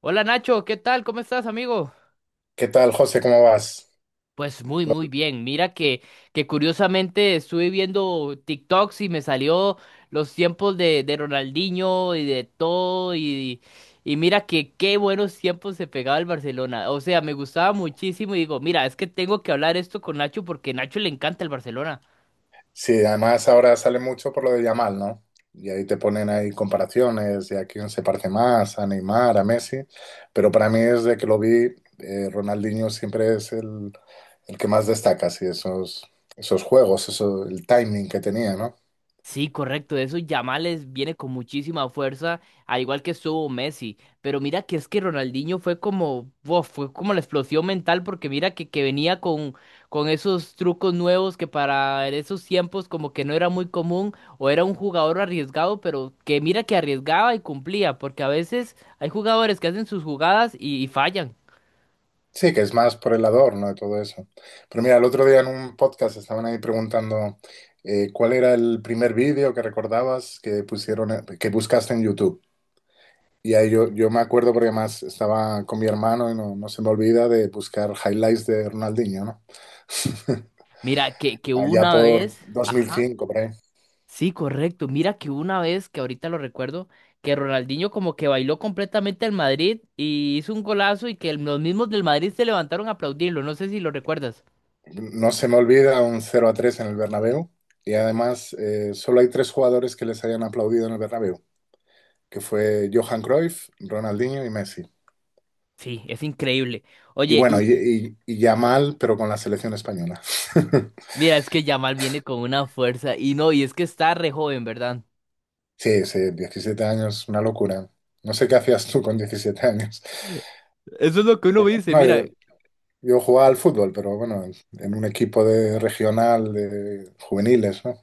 Hola Nacho, ¿qué tal? ¿Cómo estás, amigo? ¿Qué tal, José? ¿Cómo vas? Pues muy, muy bien. Mira que curiosamente estuve viendo TikToks y me salió los tiempos de Ronaldinho y de todo y mira que qué buenos tiempos se pegaba el Barcelona. O sea, me gustaba muchísimo y digo, mira, es que tengo que hablar esto con Nacho porque a Nacho le encanta el Barcelona. Sí, además ahora sale mucho por lo de Yamal, ¿no? Y ahí te ponen ahí comparaciones de a quién se parece más, a Neymar, a Messi. Pero para mí, desde que lo vi, Ronaldinho siempre es el que más destaca, sí, esos juegos, eso, el timing que tenía, ¿no? Sí, correcto. De esos Yamales viene con muchísima fuerza, al igual que estuvo Messi. Pero mira que es que Ronaldinho fue como, wow, fue como la explosión mental, porque mira que venía con esos trucos nuevos que para esos tiempos como que no era muy común, o era un jugador arriesgado, pero que mira que arriesgaba y cumplía, porque a veces hay jugadores que hacen sus jugadas y fallan. Sí, que es más por el adorno de todo eso. Pero mira, el otro día en un podcast estaban ahí preguntando cuál era el primer vídeo que recordabas que pusieron, que buscaste en YouTube. Y ahí yo me acuerdo porque más estaba con mi hermano y no se me olvida de buscar highlights de Ronaldinho, ¿no? Mira que Allá una por vez. Ajá. 2005, por ahí. Sí, correcto. Mira que hubo una vez, que ahorita lo recuerdo, que Ronaldinho como que bailó completamente al Madrid y hizo un golazo y que los mismos del Madrid se levantaron a aplaudirlo. No sé si lo recuerdas. No se me olvida un cero a 3 en el Bernabéu. Y además, solo hay tres jugadores que les hayan aplaudido en el Bernabéu, que fue Johan Cruyff, Ronaldinho y Messi. Sí, es increíble. Y Oye, bueno, y y ya mal, pero con la selección española. mira, es que Yamal viene con una fuerza y no, y es que está re joven, ¿verdad? Sí, sí, 17 años, una locura. No sé qué hacías tú con 17 años. Eso es lo que uno Pero dice, no, mira. Yo jugaba al fútbol, pero bueno, en un equipo de regional de juveniles, ¿no?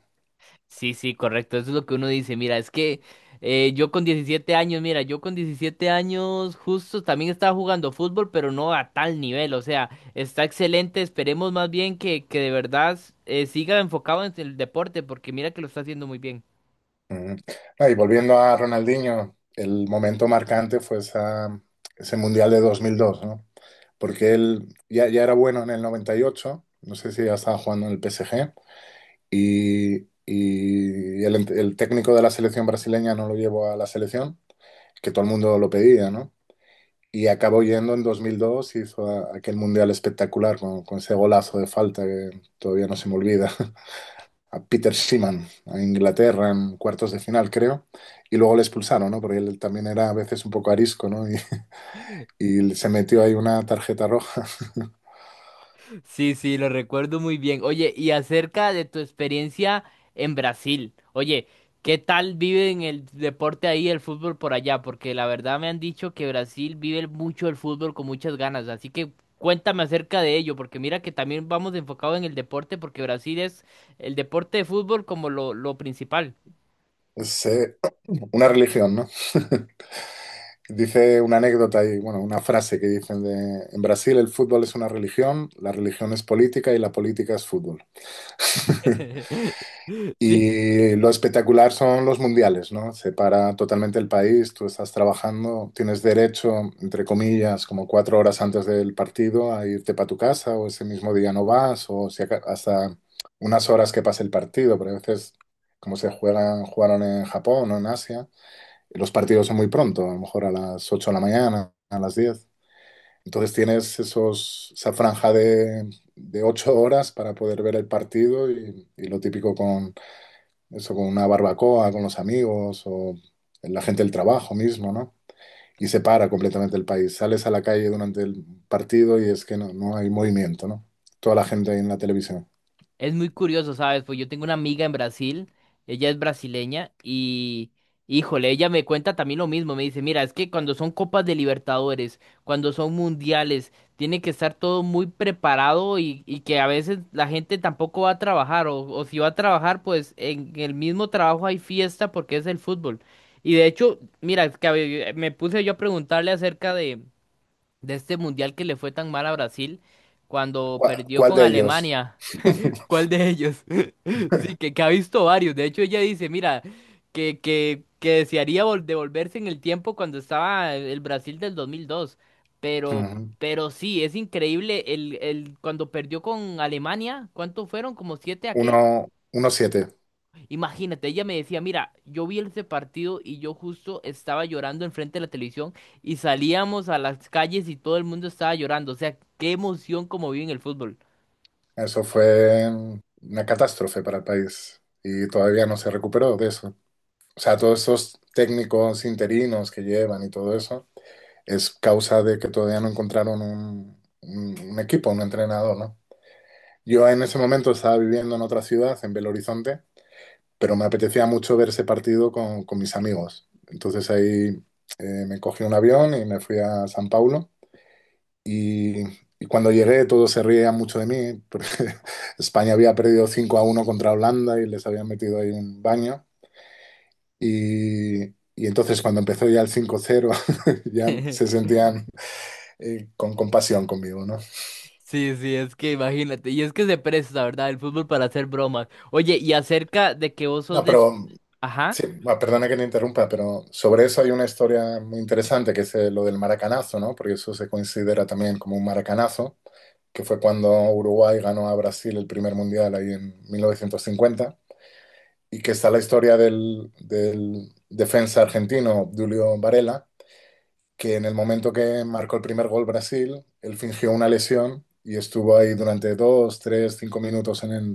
Sí, sí, correcto. Eso es lo que uno dice. Mira, es que yo con 17 años, mira, yo con 17 años justo también estaba jugando fútbol, pero no a tal nivel. O sea, está excelente. Esperemos más bien que de verdad siga enfocado en el deporte, porque mira que lo está haciendo muy bien. Ujú. Ah, y volviendo a Ronaldinho, el momento marcante fue ese Mundial de 2002, ¿no? Porque él ya era bueno en el 98, no sé si ya estaba jugando en el PSG, el técnico de la selección brasileña no lo llevó a la selección, que todo el mundo lo pedía, ¿no? Y acabó yendo en 2002, hizo aquel mundial espectacular con ese golazo de falta que todavía no se me olvida, a Peter Schiemann, a Inglaterra en cuartos de final, creo, y luego le expulsaron, ¿no? Porque él también era a veces un poco arisco, ¿no? Y, Y se metió ahí una tarjeta roja. Sí, sí, lo recuerdo muy bien. Oye, y acerca de tu experiencia en Brasil, oye, ¿qué tal viven el deporte ahí, el fútbol por allá? Porque la verdad me han dicho que Brasil vive mucho el fútbol con muchas ganas, así que cuéntame acerca de ello, porque mira que también vamos enfocados en el deporte, porque Brasil es el deporte de fútbol como lo principal. Es una religión, ¿no? Dice una anécdota y, bueno, una frase que dicen de, en Brasil el fútbol es una religión, la religión es política y la política es fútbol. Sí, Y lo espectacular son los mundiales, ¿no? Separa totalmente el país, tú estás trabajando, tienes derecho, entre comillas, como 4 horas antes del partido a irte para tu casa o ese mismo día no vas o si hasta unas horas que pase el partido, pero a veces como se juegan, jugaron en Japón o en Asia. Los partidos son muy pronto, a lo mejor a las 8 de la mañana, a las 10. Entonces tienes esa franja de 8 horas para poder ver el partido y lo típico con eso, con una barbacoa, con los amigos o la gente del trabajo mismo, ¿no? Y se para completamente el país. Sales a la calle durante el partido y es que no hay movimiento, ¿no? Toda la gente ahí en la televisión. es muy curioso, ¿sabes? Pues yo tengo una amiga en Brasil, ella es brasileña y, híjole, ella me cuenta también lo mismo, me dice, mira, es que cuando son copas de Libertadores, cuando son mundiales, tiene que estar todo muy preparado y que a veces la gente tampoco va a trabajar o si va a trabajar, pues en el mismo trabajo hay fiesta porque es el fútbol. Y de hecho, mira, es que me puse yo a preguntarle acerca de este mundial que le fue tan mal a Brasil cuando ¿Cuál, perdió cuál con de ellos? Alemania. ¿Cuál de ellos? Sí, que ha visto varios. De hecho, ella dice, mira, que desearía devolverse en el tiempo cuando estaba el Brasil del 2002. Pero, pero sí, es increíble cuando perdió con Alemania, ¿cuántos fueron? ¿Como siete a qué? Uno, uno siete. Imagínate, ella me decía, mira, yo vi ese partido y yo justo estaba llorando enfrente de la televisión y salíamos a las calles y todo el mundo estaba llorando. O sea, qué emoción como viven el fútbol. Eso fue una catástrofe para el país y todavía no se recuperó de eso. O sea, todos esos técnicos interinos que llevan y todo eso es causa de que todavía no encontraron un equipo, un entrenador, ¿no? Yo en ese momento estaba viviendo en otra ciudad, en Belo Horizonte, pero me apetecía mucho ver ese partido con mis amigos. Entonces ahí me cogí un avión y me fui a San Paulo y, y cuando llegué, todos se reían mucho de mí, porque España había perdido 5 a 1 contra Holanda y les habían metido ahí un baño. Y, y entonces, cuando empezó ya el cinco cero ya se sentían con compasión conmigo, ¿no? Sí, sí, es que imagínate, y es que se presta, ¿verdad? El fútbol para hacer bromas. Oye, y acerca de que vos sos No, de... Es- pero Ajá, sí, bueno, perdona que te interrumpa, pero sobre eso hay una historia muy interesante que es lo del maracanazo, ¿no? Porque eso se considera también como un maracanazo, que fue cuando Uruguay ganó a Brasil el primer mundial ahí en 1950. Y que está la historia del, del defensa argentino Julio Varela, que en el momento que marcó el primer gol Brasil, él fingió una lesión y estuvo ahí durante dos, tres, 5 minutos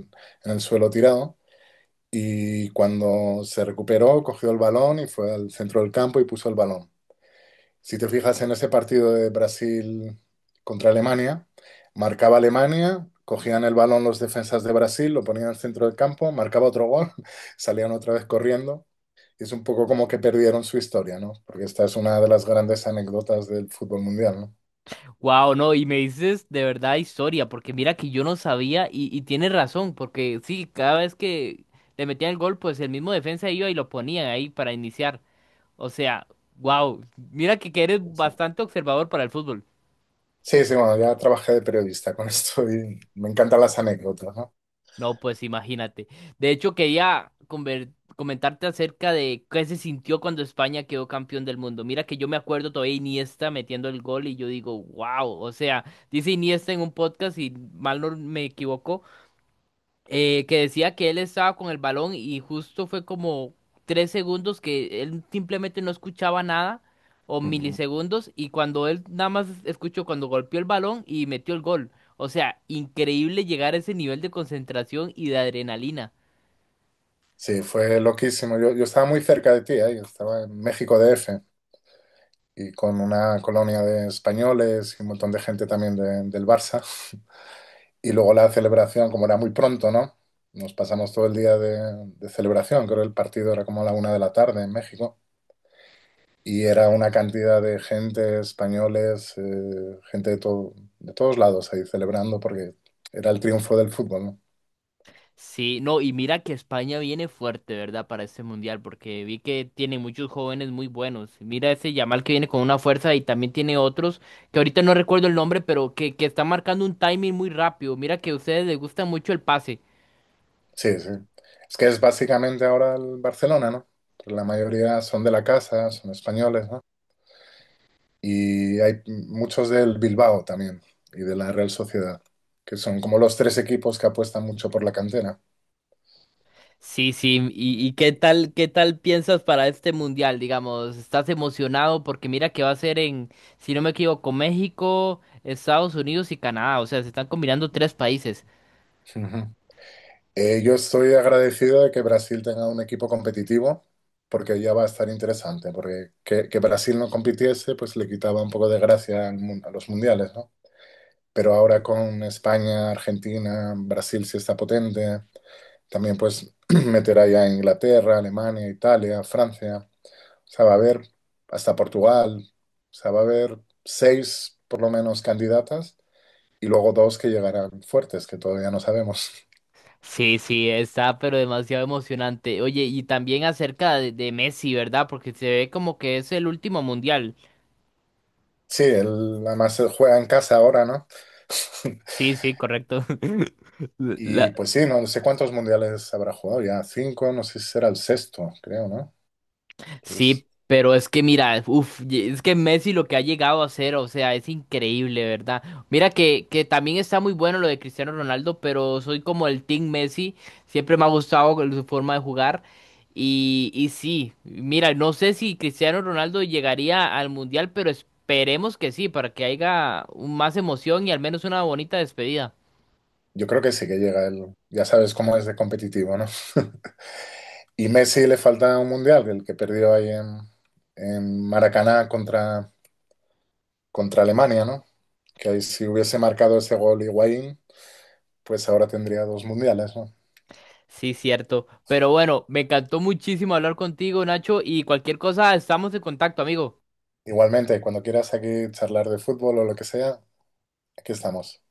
en el suelo tirado. Y cuando se recuperó, cogió el balón y fue al centro del campo y puso el balón. Si te fijas en ese partido de Brasil contra Alemania, marcaba Alemania, cogían el balón los defensas de Brasil, lo ponían al centro del campo, marcaba otro gol, salían otra vez corriendo, es un poco como que perdieron su historia, ¿no? Porque esta es una de las grandes anécdotas del fútbol mundial, ¿no? wow, no, y me dices de verdad historia, porque mira que yo no sabía y tienes razón, porque sí, cada vez que le metían el gol, pues el mismo defensa iba y lo ponían ahí para iniciar. O sea, wow, mira que eres Eso. bastante observador para el fútbol. Sí, sí, bueno, ya trabajé de periodista con esto y me encantan las anécdotas, ¿no? No, pues imagínate. De hecho, quería comentarte acerca de qué se sintió cuando España quedó campeón del mundo. Mira que yo me acuerdo todavía Iniesta metiendo el gol y yo digo, wow, o sea, dice Iniesta en un podcast y mal no me equivoco, que decía que él estaba con el balón y justo fue como 3 segundos que él simplemente no escuchaba nada o Ujú. milisegundos y cuando él nada más escuchó cuando golpeó el balón y metió el gol. O sea, increíble llegar a ese nivel de concentración y de adrenalina. Sí, fue loquísimo. Yo estaba muy cerca de ti, ¿eh? Yo estaba en México DF y con una colonia de españoles y un montón de gente también del Barça. Y luego la celebración, como era muy pronto, ¿no? Nos pasamos todo el día de celebración, creo que el partido era como a la una de la tarde en México. Y era una cantidad de gente, españoles, gente de, todo, de todos lados ahí celebrando porque era el triunfo del fútbol, ¿no? Sí, no, y mira que España viene fuerte, ¿verdad? Para este mundial, porque vi que tiene muchos jóvenes muy buenos. Mira ese Yamal que viene con una fuerza y también tiene otros, que ahorita no recuerdo el nombre, pero que está marcando un timing muy rápido. Mira que a ustedes les gusta mucho el pase. Sí, sí. Es que es básicamente ahora el Barcelona, ¿no? Pero la mayoría son de la casa, son españoles, ¿no? Y hay muchos del Bilbao también y de la Real Sociedad, que son como los tres equipos que apuestan mucho por la cantera. Sí, sí, y qué tal piensas para este mundial, digamos, estás emocionado porque mira que va a ser en, si no me equivoco, México, Estados Unidos y Canadá, o sea, se están combinando 3 países. Ujú. Yo estoy agradecido de que Brasil tenga un equipo competitivo, porque ya va a estar interesante, porque que Brasil no compitiese, pues le quitaba un poco de gracia al a los mundiales, ¿no? Pero ahora con España, Argentina, Brasil sí está potente, también pues meterá ya a Inglaterra, Alemania, Italia, Francia, o sea, va a haber hasta Portugal, o sea, va a haber seis por lo menos candidatas y luego dos que llegarán fuertes, que todavía no sabemos. Sí, sí, está, pero demasiado emocionante. Oye, y también acerca de Messi, ¿verdad? Porque se ve como que es el último mundial. Sí, él además él juega en casa ahora, ¿no? Sí, sí, correcto. Y La- pues sí, no no sé cuántos mundiales habrá jugado ya, cinco, no sé si será el sexto, creo, ¿no? Pues, Sí, pero es que mira, uf, y- es que Messi lo que ha llegado a hacer, o sea, es increíble, ¿verdad? Mira que también está muy bueno lo de Cristiano Ronaldo, pero soy como el Team Messi, siempre me ha gustado con su forma de jugar. Y sí, mira, no sé si Cristiano Ronaldo llegaría al Mundial, pero esperemos que sí, para que haya un- más emoción y al menos una bonita despedida. yo creo que sí que llega él, ya sabes cómo es de competitivo, ¿no? Y Messi le falta un mundial, el que perdió ahí en Maracaná contra, contra Alemania, ¿no? Que ahí si hubiese marcado ese gol Higuaín, pues ahora tendría 2 mundiales, ¿no? Sí, cierto. Pero bueno, me encantó muchísimo hablar contigo, Nacho, y cualquier cosa, estamos en contacto, amigo. Igualmente, cuando quieras aquí charlar de fútbol o lo que sea, aquí estamos.